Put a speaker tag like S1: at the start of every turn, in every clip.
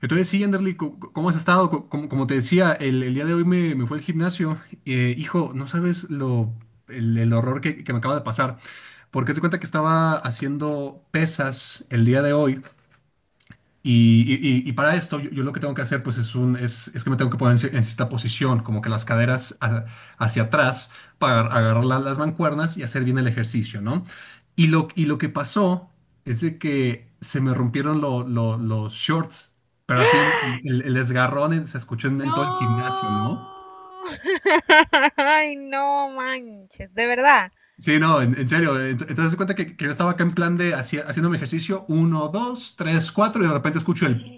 S1: Entonces, sí, Anderly, ¿cómo has estado? Como te decía, el día de hoy me fue al gimnasio. Hijo, no sabes el horror que me acaba de pasar. Porque se cuenta que estaba haciendo pesas el día de hoy. Y, y- y para esto, yo lo que tengo que hacer, pues, es que me tengo que poner en cierta posición, como que las caderas hacia atrás, para agarrar las mancuernas y hacer bien el ejercicio, ¿no? Y lo que pasó es de que se me rompieron los shorts, pero así el desgarrón se escuchó en todo el gimnasio,
S2: No.
S1: ¿no?
S2: Ay, no manches, de verdad.
S1: Sí, no, en serio. Entonces, se cuenta que yo estaba acá en plan de haciendo mi ejercicio, uno, dos, tres, cuatro, y de repente escucho el.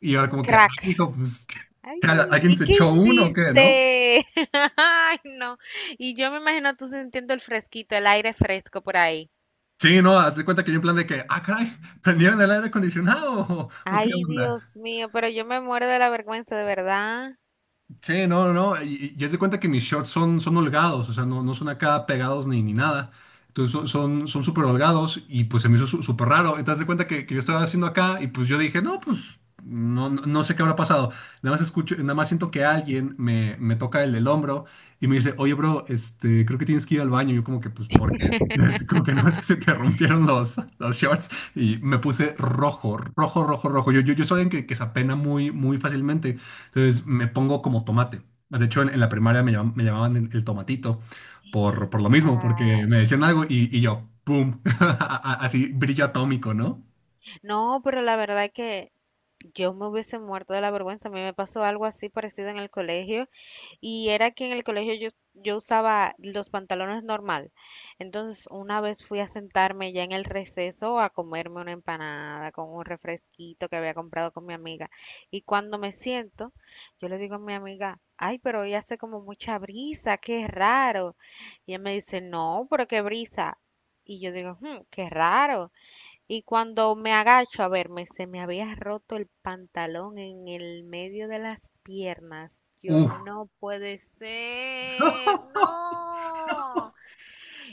S1: Y yo como que, ah,
S2: Crack.
S1: hijo, pues,
S2: Ay,
S1: ¿qué? ¿Alguien
S2: ¿y
S1: se
S2: qué
S1: echó uno o qué, no?
S2: hiciste? Ay, no. Y yo me imagino tú sintiendo el fresquito, el aire fresco por ahí.
S1: Sí, no, haz de cuenta que yo en plan de que, ah, caray, prendieron el aire acondicionado o qué
S2: Ay,
S1: onda.
S2: Dios mío, pero yo me muero de la vergüenza, de verdad.
S1: Sí, no, no, no. Y, ya se cuenta que mis shorts son holgados, o sea, no, no son acá pegados ni nada. Entonces son súper holgados y pues se me hizo súper raro. Entonces haz de cuenta que yo estaba haciendo acá y pues yo dije, no, pues no, no sé qué habrá pasado. Nada más escucho, nada más siento que alguien me toca el hombro y me dice, oye, bro, este, creo que tienes que ir al baño. Y yo como que, pues, ¿por qué? Así como que no, es que se te rompieron los shorts y me puse rojo, rojo, rojo, rojo. Yo soy alguien que se apena muy, muy fácilmente. Entonces me pongo como tomate. De hecho, en la primaria me llamaban el tomatito por lo mismo, porque me
S2: Ay,
S1: decían algo y yo, ¡pum! Así, brillo atómico, ¿no?
S2: no, pero la verdad es que yo me hubiese muerto de la vergüenza. A mí me pasó algo así parecido en el colegio. Y era que en el colegio yo usaba los pantalones normal. Entonces, una vez fui a sentarme ya en el receso a comerme una empanada con un refresquito que había comprado con mi amiga. Y cuando me siento, yo le digo a mi amiga, ay, pero hoy hace como mucha brisa, qué raro. Y ella me dice, no, pero qué brisa. Y yo digo, "Hmm, qué raro." Y cuando me agacho a verme, se me había roto el pantalón en el medio de las piernas. Yo
S1: ¡Uf!
S2: no puede ser, no.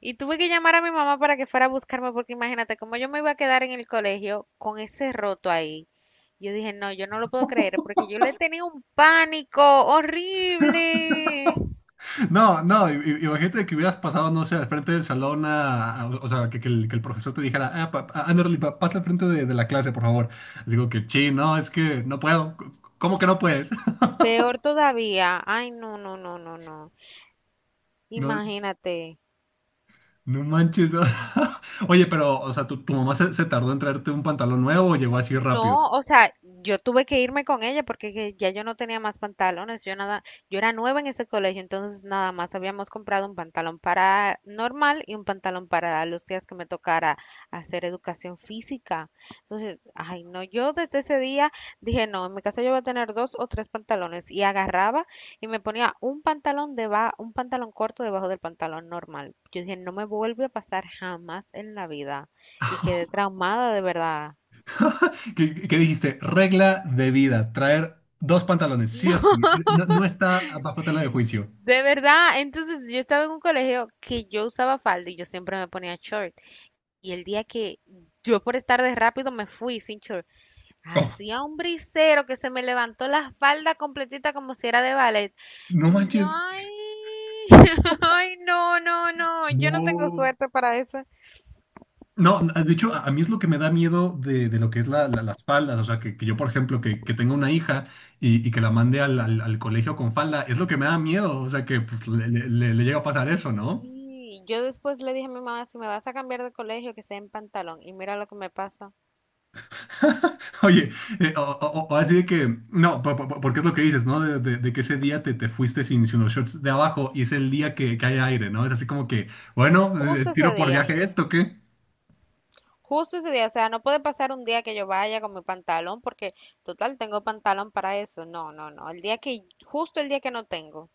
S2: Y tuve que llamar a mi mamá para que fuera a buscarme porque imagínate cómo yo me iba a quedar en el colegio con ese roto ahí. Yo dije, no, yo no lo puedo creer porque yo le tenía un pánico horrible.
S1: No, no, imagínate que hubieras pasado, no sé, al frente del salón, o sea, que el profesor te dijera, ah, Anderly, pasa al frente de la clase, por favor. Digo que, sí, no, es que no puedo. ¿Cómo que no puedes?
S2: Peor todavía. Ay, no, no, no, no, no. Imagínate.
S1: No manches. Oye, pero, o sea, ¿tu mamá se tardó en traerte un pantalón nuevo o llegó así rápido?
S2: No, o sea, yo tuve que irme con ella porque que ya yo no tenía más pantalones, yo nada, yo era nueva en ese colegio, entonces nada más habíamos comprado un pantalón para normal y un pantalón para los días que me tocara hacer educación física. Entonces, ay, no, yo desde ese día dije, no, en mi casa yo voy a tener dos o tres pantalones y agarraba y me ponía un pantalón corto debajo del pantalón normal. Yo dije, no me vuelve a pasar jamás en la vida y quedé traumada de verdad.
S1: ¿Qué dijiste? Regla de vida, traer dos pantalones, sí o sí. No, no está bajo tela de juicio.
S2: De verdad, entonces yo estaba en un colegio que yo usaba falda y yo siempre me ponía short. Y el día que yo por estar de rápido me fui sin short,
S1: Oh,
S2: hacía un brisero que se me levantó la falda completita como si era de ballet.
S1: no
S2: Y yo,
S1: manches.
S2: ay, ay, no, no, no, yo no tengo
S1: No.
S2: suerte para eso.
S1: No, de hecho, a mí es lo que me da miedo de lo que es las faldas. O sea, que yo, por ejemplo, que tenga una hija y que la mande al colegio con falda, es lo que me da miedo. O sea, que pues, le llega a pasar eso, ¿no?
S2: Sí, yo después le dije a mi mamá, si me vas a cambiar de colegio, que sea en pantalón. Y mira lo que me pasa.
S1: Oye, o así de que, no, porque es lo que dices, ¿no? De que ese día te fuiste sin los shorts de abajo y es el día que hay aire, ¿no? Es así como que, bueno,
S2: Justo ese
S1: tiro por
S2: día.
S1: viaje esto, ¿qué?
S2: Justo ese día, o sea, no puede pasar un día que yo vaya con mi pantalón porque total tengo pantalón para eso. No, no, no. El día que, justo el día que no tengo,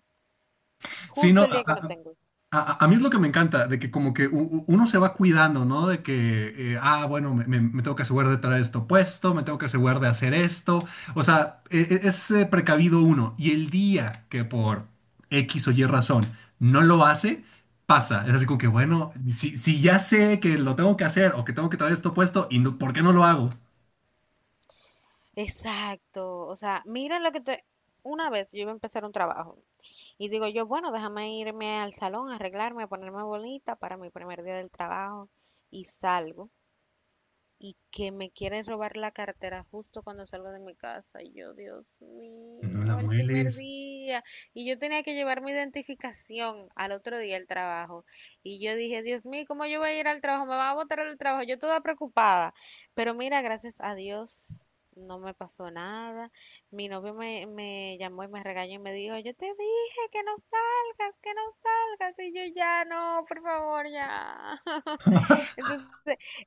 S1: Sí,
S2: justo
S1: no,
S2: el día que no tengo.
S1: a mí es lo que me encanta, de que como que uno se va cuidando, ¿no? De que, ah, bueno, me tengo que asegurar de traer esto puesto, me tengo que asegurar de hacer esto. O sea, es precavido uno. Y el día que por X o Y razón no lo hace, pasa. Es así como que, bueno, si ya sé que lo tengo que hacer o que tengo que traer esto puesto, ¿y por qué no lo hago?
S2: Exacto. O sea, miren lo que te... Una vez yo iba a empezar un trabajo y digo yo, bueno, déjame irme al salón, arreglarme, ponerme bonita para mi primer día del trabajo y salgo. Y que me quieren robar la cartera justo cuando salgo de mi casa. Y yo, Dios
S1: No la
S2: mío, el primer
S1: mueles.
S2: día. Y yo tenía que llevar mi identificación al otro día al trabajo. Y yo dije, Dios mío, ¿cómo yo voy a ir al trabajo? Me van a botar del trabajo. Yo toda preocupada. Pero mira, gracias a Dios. No me pasó nada. Mi novio me llamó y me regañó y me dijo, yo te dije que no salgas, que no salgas. Y yo ya no, por favor, ya. Entonces,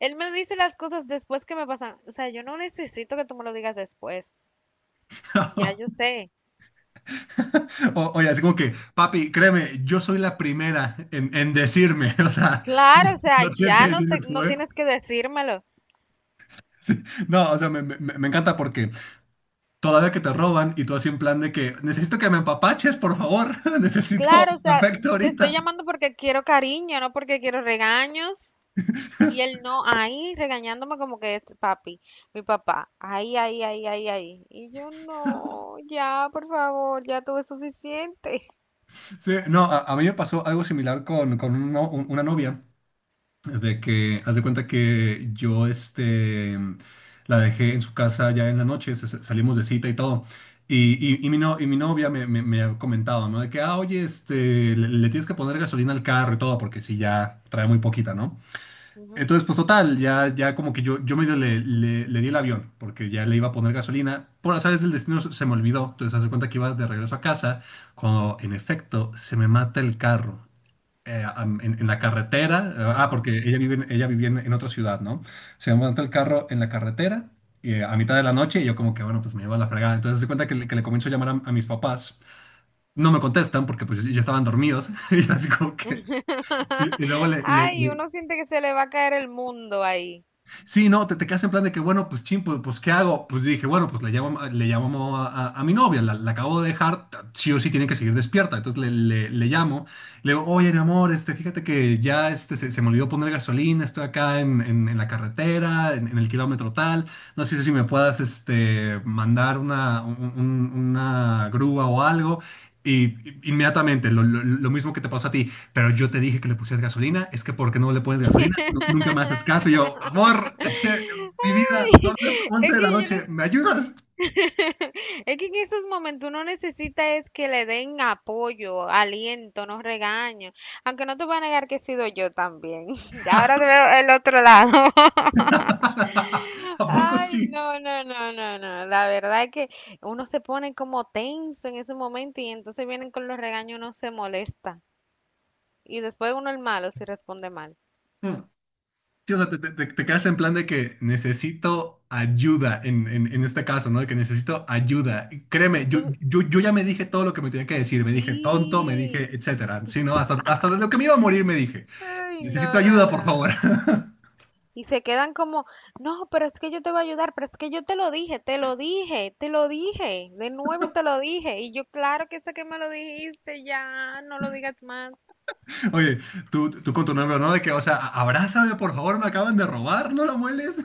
S2: él me dice las cosas después que me pasan. O sea, yo no necesito que tú me lo digas después. Ya yo sé.
S1: Oye, así como que, papi, créeme, yo soy la primera en decirme, o sea.
S2: Claro, o sea,
S1: No tienes que
S2: ya no,
S1: decirme tú,
S2: no
S1: ¿eh?
S2: tienes que decírmelo.
S1: Sí. No, o sea, me encanta porque todavía que te roban y tú así en plan de que necesito que me empapaches, por favor, necesito
S2: Claro, o sea,
S1: afecto
S2: te estoy
S1: ahorita.
S2: llamando porque quiero cariño, no porque quiero regaños. Y él no, ahí regañándome como que es papi, mi papá. Ahí, ahí, ahí, ahí, ahí. Y yo no, ya, por favor, ya tuve suficiente.
S1: Sí, no, a mí me pasó algo similar con un no- un- una novia, de que haz de cuenta que yo este, la dejé en su casa ya en la noche, salimos de cita y todo. Y mi, no- y mi novia me ha comentado, ¿no? De que, ah, oye, este, le tienes que poner gasolina al carro y todo, porque si ya trae muy poquita, ¿no?
S2: Ujú.
S1: Entonces, pues total, ya como que yo medio le di el avión, porque ya le iba a poner gasolina. Por azares del destino se me olvidó. Entonces, hace cuenta que iba de regreso a casa, cuando en efecto se me mata el carro. En la carretera, ah, porque ella
S2: Wow.
S1: vive, ella vivía en otra ciudad, ¿no? Se me mata el carro en la carretera y, a mitad de la noche y yo como que, bueno, pues me iba a la fregada. Entonces, hace cuenta que, que le comienzo a llamar a mis papás. No me contestan porque pues ya estaban dormidos y así como que... Y, y luego le, le,
S2: Ay,
S1: le-
S2: uno siente que se le va a caer el mundo ahí.
S1: Sí, no, te quedas en plan de que, bueno, pues chin, pues, ¿qué hago? Pues dije, bueno, pues le llamo a mi novia, la acabo de dejar, sí o sí tiene que seguir despierta. Entonces le llamo, le digo, oye, mi amor, este, fíjate que ya este, se me olvidó poner gasolina, estoy acá en la carretera, en el kilómetro tal, no sé si me puedas este, mandar una grúa o algo. Inmediatamente, lo mismo que te pasó a ti pero yo te dije que le pusieras gasolina, es que ¿por qué no le pones gasolina? Nunca me haces caso. Y yo, amor, mi vida,
S2: Ay,
S1: son las 11
S2: es
S1: de la
S2: que yo
S1: noche,
S2: no-
S1: ¿me ayudas?
S2: es que en esos momentos uno necesita es que le den apoyo, aliento, no regaño. Aunque no te voy a negar que he sido yo también. Ahora te veo el otro lado.
S1: ¿A poco
S2: Ay,
S1: sí?
S2: no, no, no, no, no. La verdad es que uno se pone como tenso en ese momento y entonces vienen con los regaños, uno se molesta. Y después uno el malo si responde mal.
S1: Mm. Sí, o sea, te quedas en plan de que necesito ayuda en este caso, ¿no? De que necesito ayuda. Y
S2: Y
S1: créeme, yo,
S2: tú,
S1: yo, yo ya me dije todo lo que me tenía que decir, me dije tonto, me
S2: sí.
S1: dije etcétera. Sí, no, hasta de lo que me iba a morir me dije,
S2: Ay,
S1: necesito
S2: no, no,
S1: ayuda, por favor.
S2: no. Y se quedan como, no, pero es que yo te voy a ayudar, pero es que yo te lo dije, te lo dije, te lo dije, de nuevo y te lo dije. Y yo, claro que sé que me lo dijiste, ya, no lo digas más.
S1: Oye, tú con tu nombre, ¿no? De que, o sea, abrázame, por favor, me acaban de robar, no lo mueles.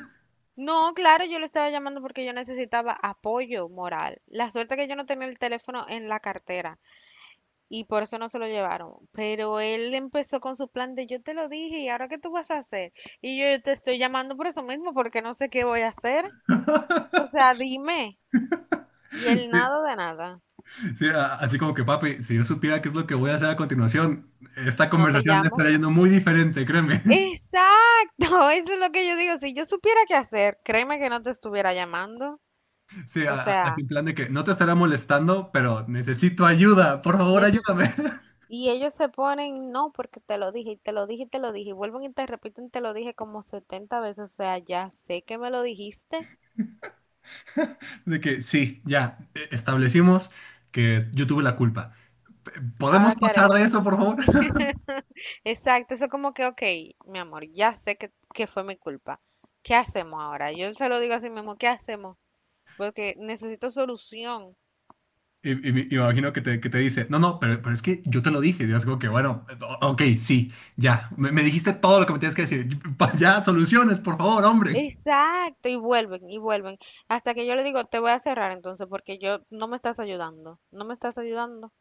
S2: No, claro, yo lo estaba llamando porque yo necesitaba apoyo moral. La suerte que yo no tenía el teléfono en la cartera y por eso no se lo llevaron. Pero él empezó con su plan de yo te lo dije y ahora qué tú vas a hacer. Y yo, te estoy llamando por eso mismo porque no sé qué voy a hacer. O sea, dime. Y el
S1: Sí,
S2: nada de nada,
S1: sí, así como que, papi, si yo supiera qué es lo que voy a hacer a continuación, esta
S2: no te
S1: conversación
S2: llamo.
S1: estaría yendo muy diferente, créeme.
S2: Exacto, eso es lo que yo digo. Si yo supiera qué hacer, créeme que no te estuviera llamando.
S1: Sí,
S2: O sea,
S1: así en plan de que no te estará molestando, pero necesito ayuda, por favor,
S2: neces-
S1: ayúdame.
S2: y ellos se ponen, no, porque te lo dije, y te lo dije, y te lo dije, y vuelven y te repiten, te lo dije como 70 veces. O sea, ya sé que me lo dijiste.
S1: De que sí, ya, establecimos que yo tuve la culpa. P- ¿Podemos
S2: Ahora, ¿qué
S1: pasar
S2: haremos?
S1: de eso, por favor?
S2: Exacto, eso como que, ok, mi amor, ya sé que fue mi culpa. ¿Qué hacemos ahora? Yo se lo digo así mismo, ¿qué hacemos? Porque necesito solución.
S1: Y me imagino que te dice, no, no, pero es que yo te lo dije. Y es como que, bueno, ok, sí, ya, me dijiste todo lo que me tienes que decir. Ya, soluciones, por favor, hombre.
S2: Exacto, y vuelven, y vuelven. Hasta que yo le digo, te voy a cerrar entonces, porque yo no me estás ayudando, no me estás ayudando.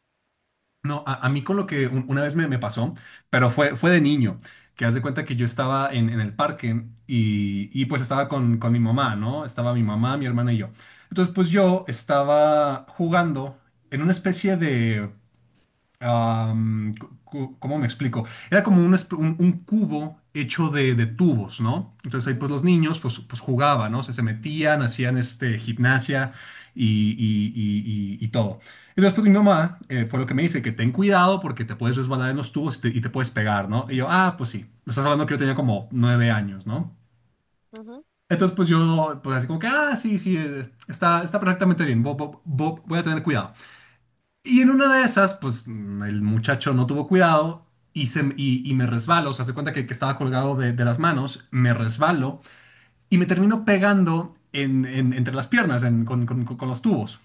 S1: No, a mí con lo que una vez me pasó, pero fue de niño, que haz de cuenta que yo estaba en el parque y pues estaba con mi mamá, ¿no? Estaba mi mamá, mi hermana y yo. Entonces, pues yo estaba jugando en una especie de... ¿cómo me explico? Era como un cubo hecho de tubos, ¿no? Entonces ahí pues
S2: Ujú,
S1: los niños pues jugaban, ¿no? O sea, se metían, hacían este, gimnasia y todo. Y después mi mamá fue lo que me dice, que ten cuidado porque te puedes resbalar en los tubos y te puedes pegar, ¿no? Y yo, ah, pues sí, estás hablando que yo tenía como 9 años, ¿no?
S2: ujú.
S1: Entonces pues yo, pues así como que, ah, sí, sí, está perfectamente bien, voy a tener cuidado. Y en una de esas, pues el muchacho no tuvo cuidado y me resbalo. O sea, se cuenta que estaba colgado de las manos, me resbalo y me termino pegando entre las piernas con los tubos.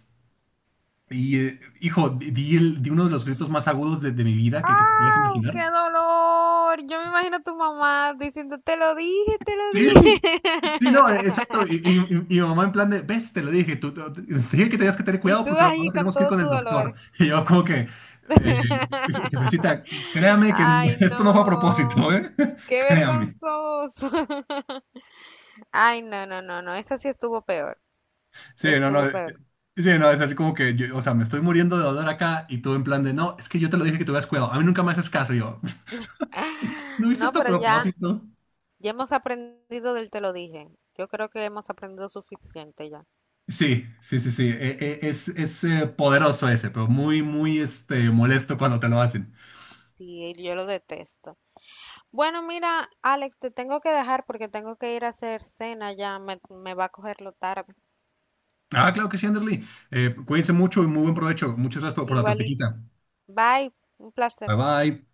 S1: Y hijo, di uno de los gritos más agudos de mi vida que te puedas
S2: ¡Au! ¡Qué
S1: imaginar.
S2: dolor! Yo me imagino a tu mamá diciendo, te lo dije, te lo
S1: Sí,
S2: dije.
S1: sí, no, exacto. Y, y- y- y mi mamá en plan de, ves, te lo dije, te dije que tenías que tener
S2: Y
S1: cuidado
S2: tú
S1: porque
S2: ahí
S1: ahora
S2: con
S1: tenemos que ir
S2: todo
S1: con
S2: tu
S1: el doctor.
S2: dolor.
S1: Y yo como que, eh, jefecita, créame que
S2: Ay,
S1: esto no fue a propósito,
S2: no.
S1: ¿eh?
S2: Qué
S1: Créame.
S2: vergonzoso. Ay, no, no, no, no. Esa sí estuvo peor.
S1: Sí, no, no.
S2: Estuvo peor.
S1: Sí, no, es así como que, yo, o sea, me estoy muriendo de dolor acá y tú en plan de, no, es que yo te lo dije que tuvieras cuidado. A mí nunca me haces caso. Y yo, ¿no hice
S2: No,
S1: esto a
S2: pero ya.
S1: propósito?
S2: Ya hemos aprendido del te lo dije. Yo creo que hemos aprendido suficiente ya.
S1: Sí, sí, sí, sí. Es poderoso ese, pero muy, muy este, molesto cuando te lo hacen.
S2: Sí, yo lo detesto. Bueno, mira, Alex, te tengo que dejar porque tengo que ir a hacer cena ya. Me va a cogerlo tarde.
S1: Ah, claro que sí, Anderly. Cuídense mucho y muy buen provecho. Muchas gracias por la
S2: Igualito.
S1: platiquita.
S2: Bye. Un placer.
S1: Bye bye.